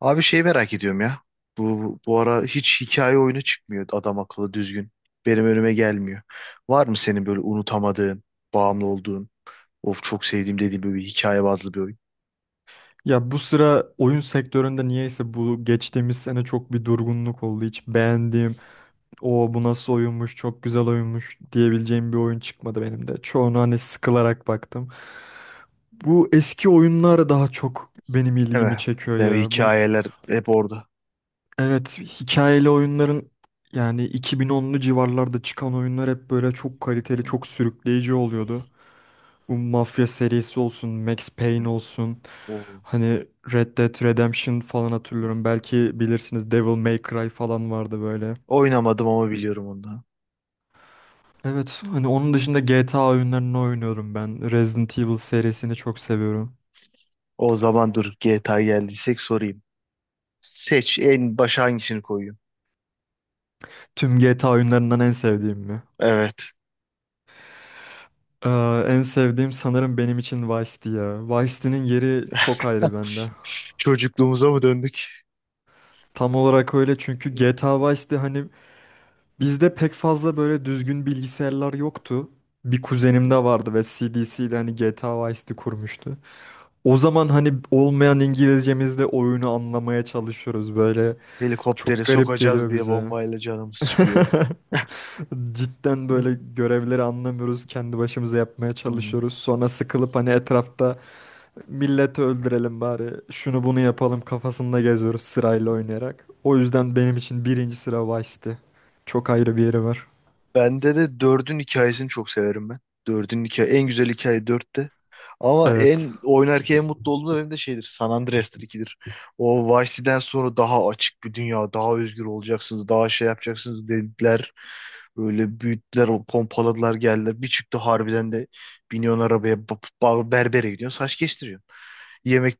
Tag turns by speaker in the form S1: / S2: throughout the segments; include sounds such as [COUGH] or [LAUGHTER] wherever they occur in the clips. S1: Abi şeyi merak ediyorum ya. Bu ara hiç hikaye oyunu çıkmıyor adam akıllı düzgün. Benim önüme gelmiyor. Var mı senin böyle unutamadığın, bağımlı olduğun, of çok sevdiğim dediğin böyle bir hikaye bazlı bir oyun?
S2: Ya bu sıra oyun sektöründe niyeyse bu geçtiğimiz sene çok bir durgunluk oldu. Hiç beğendiğim, o bu nasıl oyunmuş, çok güzel oyunmuş diyebileceğim bir oyun çıkmadı benim de. Çoğunu hani sıkılarak baktım. Bu eski oyunlar daha çok benim
S1: Evet.
S2: ilgimi çekiyor
S1: Yani
S2: ya. Bu
S1: hikayeler hep orada.
S2: evet hikayeli oyunların yani 2010'lu civarlarda çıkan oyunlar hep böyle çok kaliteli,
S1: Hı,
S2: çok sürükleyici oluyordu. Bu mafya serisi olsun, Max
S1: hı.
S2: Payne olsun.
S1: O,
S2: Hani Red Dead Redemption falan hatırlıyorum. Belki bilirsiniz Devil May Cry falan vardı böyle.
S1: oynamadım ama biliyorum ondan.
S2: Evet, hani onun dışında GTA oyunlarını oynuyorum ben. Resident Evil serisini çok seviyorum.
S1: O zaman dur GTA geldiysek sorayım. Seç en başa hangisini koyuyorsun?
S2: Tüm GTA oyunlarından en sevdiğim mi?
S1: Evet.
S2: En sevdiğim sanırım benim için Vice City ya. Vice City'nin yeri çok ayrı bende.
S1: Çocukluğumuza mı döndük?
S2: Tam olarak öyle çünkü GTA Vice City, hani, bizde pek fazla böyle düzgün bilgisayarlar yoktu. Bir kuzenimde vardı ve CDC ile hani GTA Vice City kurmuştu. O zaman hani olmayan İngilizcemizle oyunu anlamaya çalışıyoruz böyle.
S1: Helikoptere
S2: Çok garip
S1: sokacağız
S2: geliyor
S1: diye
S2: bize.
S1: bombayla canımız çıkıyor.
S2: [LAUGHS] Cidden
S1: Hı.
S2: böyle görevleri anlamıyoruz. Kendi başımıza yapmaya
S1: Hı.
S2: çalışıyoruz. Sonra sıkılıp hani etrafta milleti öldürelim bari. Şunu bunu yapalım kafasında geziyoruz sırayla oynayarak. O yüzden benim için birinci sıra Vice City. Çok ayrı bir yeri var.
S1: Bende de dördün hikayesini çok severim ben. Dördün hikaye en güzel hikaye dörtte. Ama
S2: Evet.
S1: en oynarken en mutlu olduğum da benim de şeydir. San Andreas'tır ikidir. O Vice City'den sonra daha açık bir dünya, daha özgür olacaksınız, daha şey yapacaksınız dediler. Böyle büyüttüler, o pompaladılar geldiler. Bir çıktı harbiden de biniyorsun arabaya, berbere gidiyorsun, saç kestiriyorsun. Yemek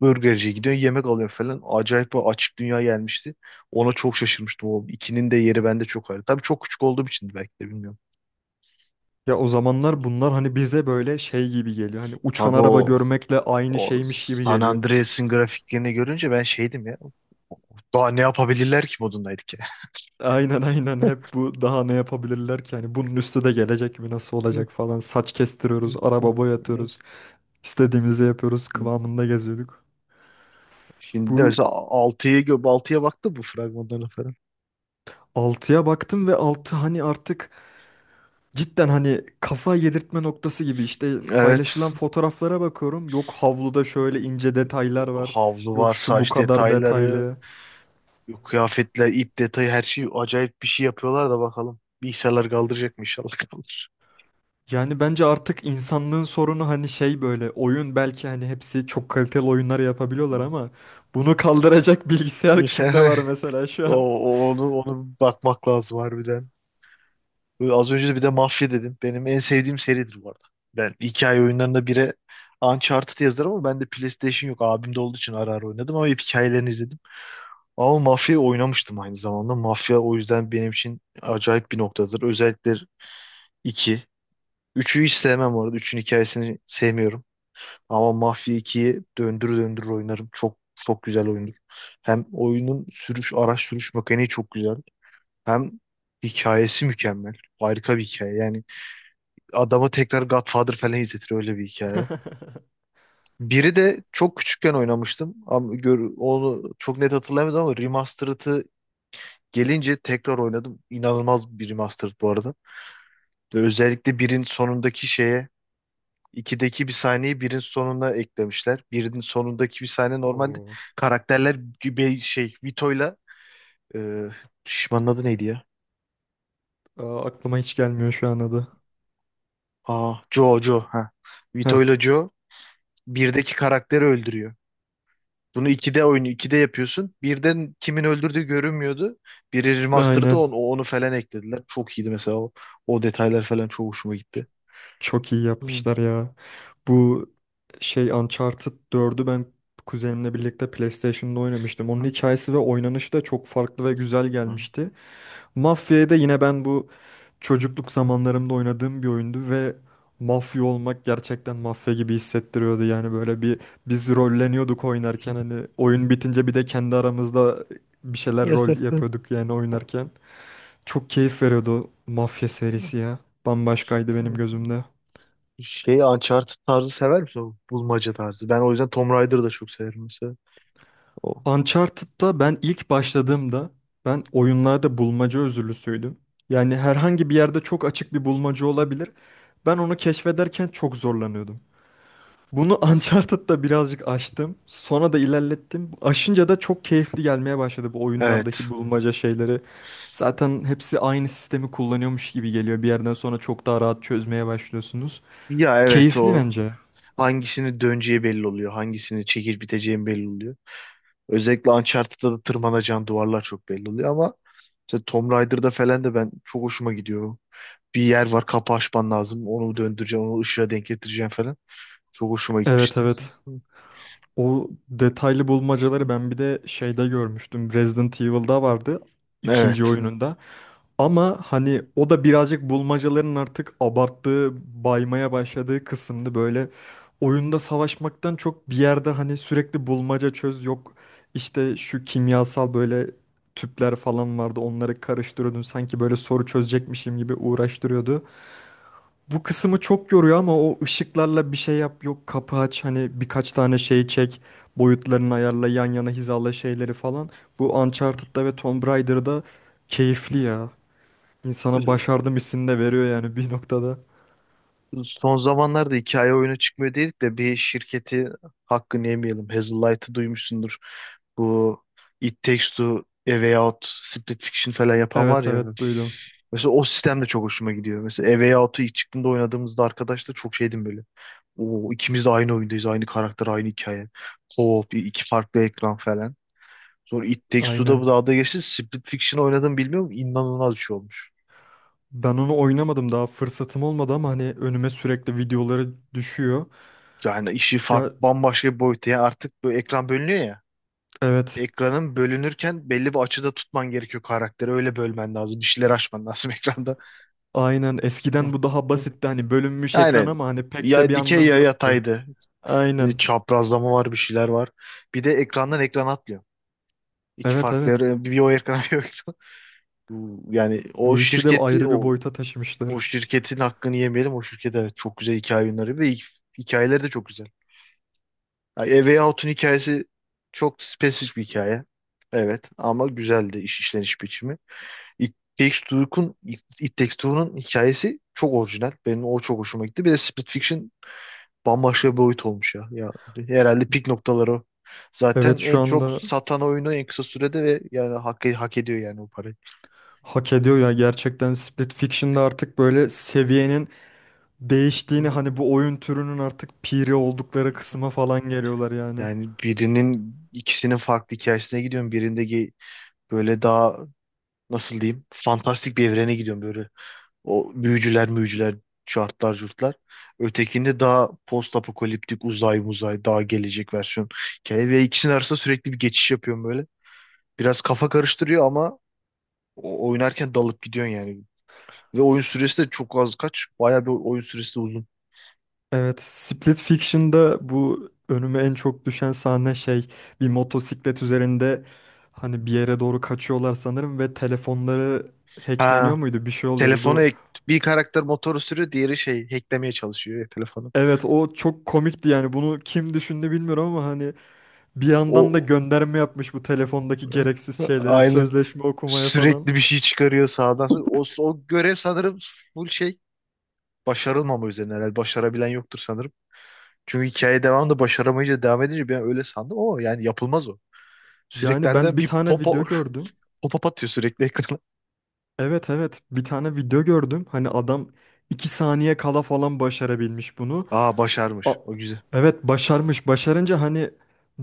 S1: burgerciye gidiyorsun, yemek alıyorsun falan. Acayip bir açık dünya gelmişti. Ona çok şaşırmıştım. O ikinin de yeri bende çok ayrı. Tabii çok küçük olduğum için belki de bilmiyorum.
S2: Ya o zamanlar bunlar hani bize böyle şey gibi geliyor. Hani uçan
S1: Abi
S2: araba
S1: o
S2: görmekle aynı
S1: o
S2: şeymiş gibi
S1: San
S2: geliyor.
S1: Andreas'ın grafiklerini görünce ben şeydim ya. Daha ne yapabilirler ki modundaydık ya.
S2: Aynen, aynen, hep bu daha ne yapabilirler ki? Hani bunun üstü de gelecek mi nasıl olacak
S1: [LAUGHS]
S2: falan. Saç kestiriyoruz, araba boyatıyoruz. İstediğimizi yapıyoruz kıvamında geziyorduk.
S1: Şimdi de
S2: Bu
S1: mesela 6'ya baktı bu fragmanlarına falan.
S2: altıya baktım ve 6 hani artık cidden hani kafa yedirtme noktası gibi işte
S1: Evet.
S2: paylaşılan fotoğraflara bakıyorum. Yok, havluda şöyle ince detaylar var.
S1: Havlu var,
S2: Yok, şu bu
S1: saç
S2: kadar
S1: detayları,
S2: detaylı.
S1: kıyafetler, ip detayı her şey acayip bir şey yapıyorlar da bakalım. Bilgisayarlar kaldıracak mı inşallah kaldır.
S2: Yani bence artık insanlığın sorunu hani şey böyle oyun belki hani hepsi çok kaliteli oyunlar yapabiliyorlar ama bunu kaldıracak [LAUGHS] bilgisayar kimde var
S1: [LAUGHS]
S2: mesela şu
S1: O,
S2: an?
S1: o- onu onu bakmak lazım harbiden. Böyle az önce de bir de mafya dedin. Benim en sevdiğim seridir bu arada. Ben hikaye oyunlarında bire Uncharted yazarım ama bende PlayStation yok. Abimde olduğu için ara ara oynadım ama hep hikayelerini izledim. Ama mafya oynamıştım aynı zamanda. Mafya o yüzden benim için acayip bir noktadır. Özellikle 2, üçü hiç sevmem bu arada. 3'ün hikayesini sevmiyorum. Ama Mafya 2'yi döndür döndür oynarım. Çok çok güzel oyundur. Hem oyunun sürüş, araç sürüş mekaniği çok güzel. Hem hikayesi mükemmel. Harika bir hikaye. Yani adamı tekrar Godfather falan izletir öyle bir hikaye.
S2: [LAUGHS]
S1: Biri de çok küçükken oynamıştım. Ama gör, onu çok net hatırlayamadım ama remastered'ı gelince tekrar oynadım. İnanılmaz bir remastered bu arada. Özellikle birin sonundaki şeye 2'deki bir sahneyi birin sonuna eklemişler. Birin sonundaki bir sahne normalde
S2: Oo.
S1: karakterler gibi şey Vito'yla e, şişmanın adı neydi ya?
S2: Aa, aklıma hiç gelmiyor şu an adı.
S1: Aa, Joe Joe ha.
S2: Heh,
S1: Vito'yla Joe birdeki karakteri öldürüyor. Bunu 2D oyunu 2D yapıyorsun. Birden kimin öldürdüğü görünmüyordu. Biri remaster'da
S2: aynen.
S1: onu, onu falan eklediler. Çok iyiydi mesela o, o detaylar falan çok hoşuma gitti.
S2: Çok iyi yapmışlar ya. Bu şey Uncharted 4'ü ben kuzenimle birlikte PlayStation'da oynamıştım. Onun hikayesi ve oynanışı da çok farklı ve güzel
S1: Hı,
S2: gelmişti. Mafya'ya da yine ben bu çocukluk zamanlarımda oynadığım bir oyundu ve mafya olmak gerçekten mafya gibi hissettiriyordu. Yani böyle biz rolleniyorduk oynarken hani oyun bitince bir de kendi aramızda bir şeyler rol
S1: hı,
S2: yapıyorduk yani oynarken. Çok keyif veriyordu o mafya serisi ya. Bambaşkaydı benim
S1: hı.
S2: gözümde.
S1: [LAUGHS] Şey Uncharted tarzı sever misin? O bulmaca tarzı. Ben o yüzden Tomb Raider'ı da çok severim mesela. O.
S2: Uncharted'da ben ilk başladığımda ben oyunlarda bulmaca özürlüsüydüm. Yani herhangi bir yerde çok açık bir bulmaca
S1: Hı.
S2: olabilir. Ben onu keşfederken çok zorlanıyordum. Bunu [LAUGHS] Uncharted'da birazcık aştım. Sonra da ilerlettim. Aşınca da çok keyifli gelmeye başladı bu
S1: Evet.
S2: oyunlardaki bulmaca şeyleri. Zaten hepsi aynı sistemi kullanıyormuş gibi geliyor. Bir yerden sonra çok daha rahat çözmeye başlıyorsunuz.
S1: Ya evet
S2: Keyifli
S1: o.
S2: bence.
S1: Hangisini döneceği belli oluyor. Hangisini çekip biteceğin belli oluyor. Özellikle Uncharted'da da tırmanacağın duvarlar çok belli oluyor ama mesela Tomb Raider'da falan da ben çok hoşuma gidiyor. Bir yer var kapı açman lazım. Onu döndüreceğim, onu ışığa denk getireceğim falan. Çok hoşuma
S2: Evet,
S1: gitmişti.
S2: evet. O detaylı bulmacaları ben bir de şeyde görmüştüm. Resident Evil'da vardı. İkinci
S1: Evet.
S2: oyununda. Ama hani o da birazcık bulmacaların artık abarttığı, baymaya başladığı kısımdı. Böyle oyunda savaşmaktan çok bir yerde hani sürekli bulmaca çöz yok. İşte şu kimyasal böyle tüpler falan vardı onları karıştırıyordun. Sanki böyle soru çözecekmişim gibi uğraştırıyordu. Bu kısmı çok yoruyor ama o ışıklarla bir şey yap yok kapı aç hani birkaç tane şey çek. Boyutlarını ayarla, yan yana hizala şeyleri falan. Bu Uncharted'da ve Tomb Raider'da keyifli ya. İnsana başardım hissini de veriyor yani bir noktada.
S1: Son zamanlarda hikaye oyunu çıkmıyor dedik de bir şirketi hakkını yemeyelim. Hazelight'ı duymuşsundur. Bu It Takes Two, A Way Out, Split Fiction falan yapan var
S2: Evet,
S1: ya.
S2: evet duydum.
S1: Mesela o sistem de çok hoşuma gidiyor. Mesela A Way Out'u ilk çıktığında oynadığımızda arkadaşlar çok şeydim böyle. Oo, ikimiz de aynı oyundayız. Aynı karakter, aynı hikaye. Co-op, iki farklı ekran falan. Sonra It Takes Two'da
S2: Aynen.
S1: bu dalga geçti. Split Fiction oynadım bilmiyorum. İnanılmaz bir şey olmuş.
S2: Ben onu oynamadım daha fırsatım olmadı ama hani önüme sürekli videoları düşüyor.
S1: Yani işi farklı
S2: Ya,
S1: bambaşka bir boyuta. Yani artık bu ekran bölünüyor ya.
S2: evet.
S1: Ekranın bölünürken belli bir açıda tutman gerekiyor karakteri. Öyle bölmen lazım. Bir şeyler açman lazım [LAUGHS] ekranda.
S2: Aynen,
S1: Hı,
S2: eskiden bu daha
S1: hı.
S2: basitti hani bölünmüş ekran
S1: Aynen.
S2: ama hani pek de
S1: Ya
S2: bir
S1: dikey
S2: anlamı
S1: ya
S2: yoktu.
S1: yataydı. Şimdi
S2: Aynen.
S1: çaprazlama var bir şeyler var. Bir de ekrandan ekran atlıyor. İki
S2: Evet,
S1: farklı
S2: evet.
S1: bir o ekrana [LAUGHS] bir o ekrana. Yani o
S2: Bu işi de
S1: şirketi
S2: ayrı bir
S1: o
S2: boyuta taşımışlar.
S1: O şirketin hakkını yemeyelim. O şirket evet çok güzel hikaye yayınları ve hikayeleri de çok güzel. Yani A Way Out'un hikayesi çok spesifik bir hikaye. Evet ama güzeldi iş işleniş biçimi. It Takes Two'nun hikayesi çok orijinal. Benim o çok hoşuma gitti. Bir de Split Fiction bambaşka bir boyut olmuş ya. Ya herhalde pik noktaları o.
S2: Evet
S1: Zaten
S2: şu
S1: en çok
S2: anda
S1: satan oyunu en kısa sürede ve yani hak ediyor yani o parayı.
S2: hak ediyor ya gerçekten Split Fiction'da artık böyle seviyenin değiştiğini hani bu oyun türünün artık piri oldukları kısma falan geliyorlar yani.
S1: Yani birinin ikisinin farklı hikayesine gidiyorum. Birinde böyle daha nasıl diyeyim fantastik bir evrene gidiyorum böyle. O büyücüler müyücüler şartlar curtlar. Ötekinde daha post apokaliptik uzay muzay daha gelecek versiyon. Hikaye ve ikisinin arasında sürekli bir geçiş yapıyorum böyle. Biraz kafa karıştırıyor ama oynarken dalıp gidiyorsun yani. Ve oyun
S2: Sp-
S1: süresi de çok az kaç. Bayağı bir oyun süresi de uzun.
S2: Evet, Split Fiction'da bu önüme en çok düşen sahne şey bir motosiklet üzerinde hani bir yere doğru kaçıyorlar sanırım ve telefonları hackleniyor
S1: Ha,
S2: muydu bir şey oluyordu
S1: telefonu
S2: bu.
S1: ek- bir karakter motoru sürüyor, diğeri şey hacklemeye çalışıyor ya telefonu.
S2: Evet o çok komikti yani bunu kim düşündü bilmiyorum ama hani bir yandan da
S1: O
S2: gönderme yapmış bu telefondaki
S1: [LAUGHS]
S2: gereksiz şeylere
S1: aynı.
S2: sözleşme okumaya falan.
S1: Sürekli bir şey çıkarıyor sağdan sola. O, o görev sanırım full şey başarılmama üzerine herhalde. Başarabilen yoktur sanırım. Çünkü hikaye devamında başaramayınca devam edince ben öyle sandım ama yani yapılmaz o. Sürekli
S2: Yani ben
S1: harbiden
S2: bir
S1: bir
S2: tane
S1: popo,
S2: video gördüm.
S1: [LAUGHS] pop-up atıyor sürekli ekrana.
S2: Evet, evet bir tane video gördüm hani adam 2 saniye kala falan başarabilmiş bunu.
S1: Aa
S2: A-
S1: başarmış. O güzel.
S2: Evet başarmış. Başarınca hani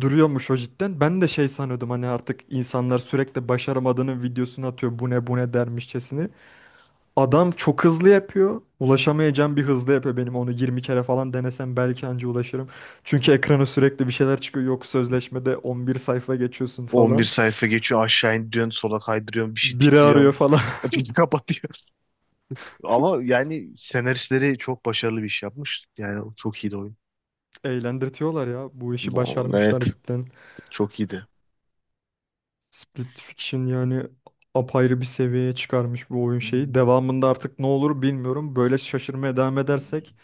S2: duruyormuş o cidden. Ben de şey sanıyordum hani artık insanlar sürekli başaramadığının videosunu atıyor. Bu ne bu ne dermişçesini. Adam çok hızlı yapıyor. Ulaşamayacağım bir hızlı yapıyor benim. Onu 20 kere falan denesem belki anca ulaşırım. Çünkü ekrana sürekli bir şeyler çıkıyor. Yok sözleşmede 11 sayfa geçiyorsun
S1: 11
S2: falan.
S1: sayfa geçiyor aşağı indiriyorsun sola kaydırıyorsun bir şey
S2: Biri
S1: tıklıyorsun.
S2: arıyor falan.
S1: Bir [LAUGHS] kapatıyor. Ama yani senaristleri çok başarılı bir iş yapmış. Yani o çok iyiydi oyun.
S2: [LAUGHS] Eğlendirtiyorlar ya. Bu işi
S1: No,
S2: başarmışlar
S1: evet
S2: cidden.
S1: çok iyiydi.
S2: Split Fiction yani apayrı bir seviyeye çıkarmış bu oyun
S1: Hmm.
S2: şeyi. Devamında artık ne olur bilmiyorum. Böyle şaşırmaya devam edersek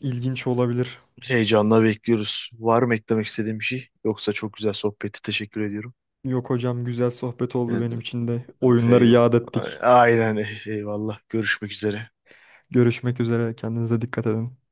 S2: ilginç olabilir.
S1: Heyecanla bekliyoruz. Var mı eklemek istediğim bir şey? Yoksa çok güzel sohbeti teşekkür ediyorum.
S2: Yok hocam güzel sohbet oldu
S1: Evet,
S2: benim için de. Oyunları
S1: eyvallah.
S2: yad ettik.
S1: Aynen eyvallah. Görüşmek üzere.
S2: Görüşmek üzere. Kendinize dikkat edin.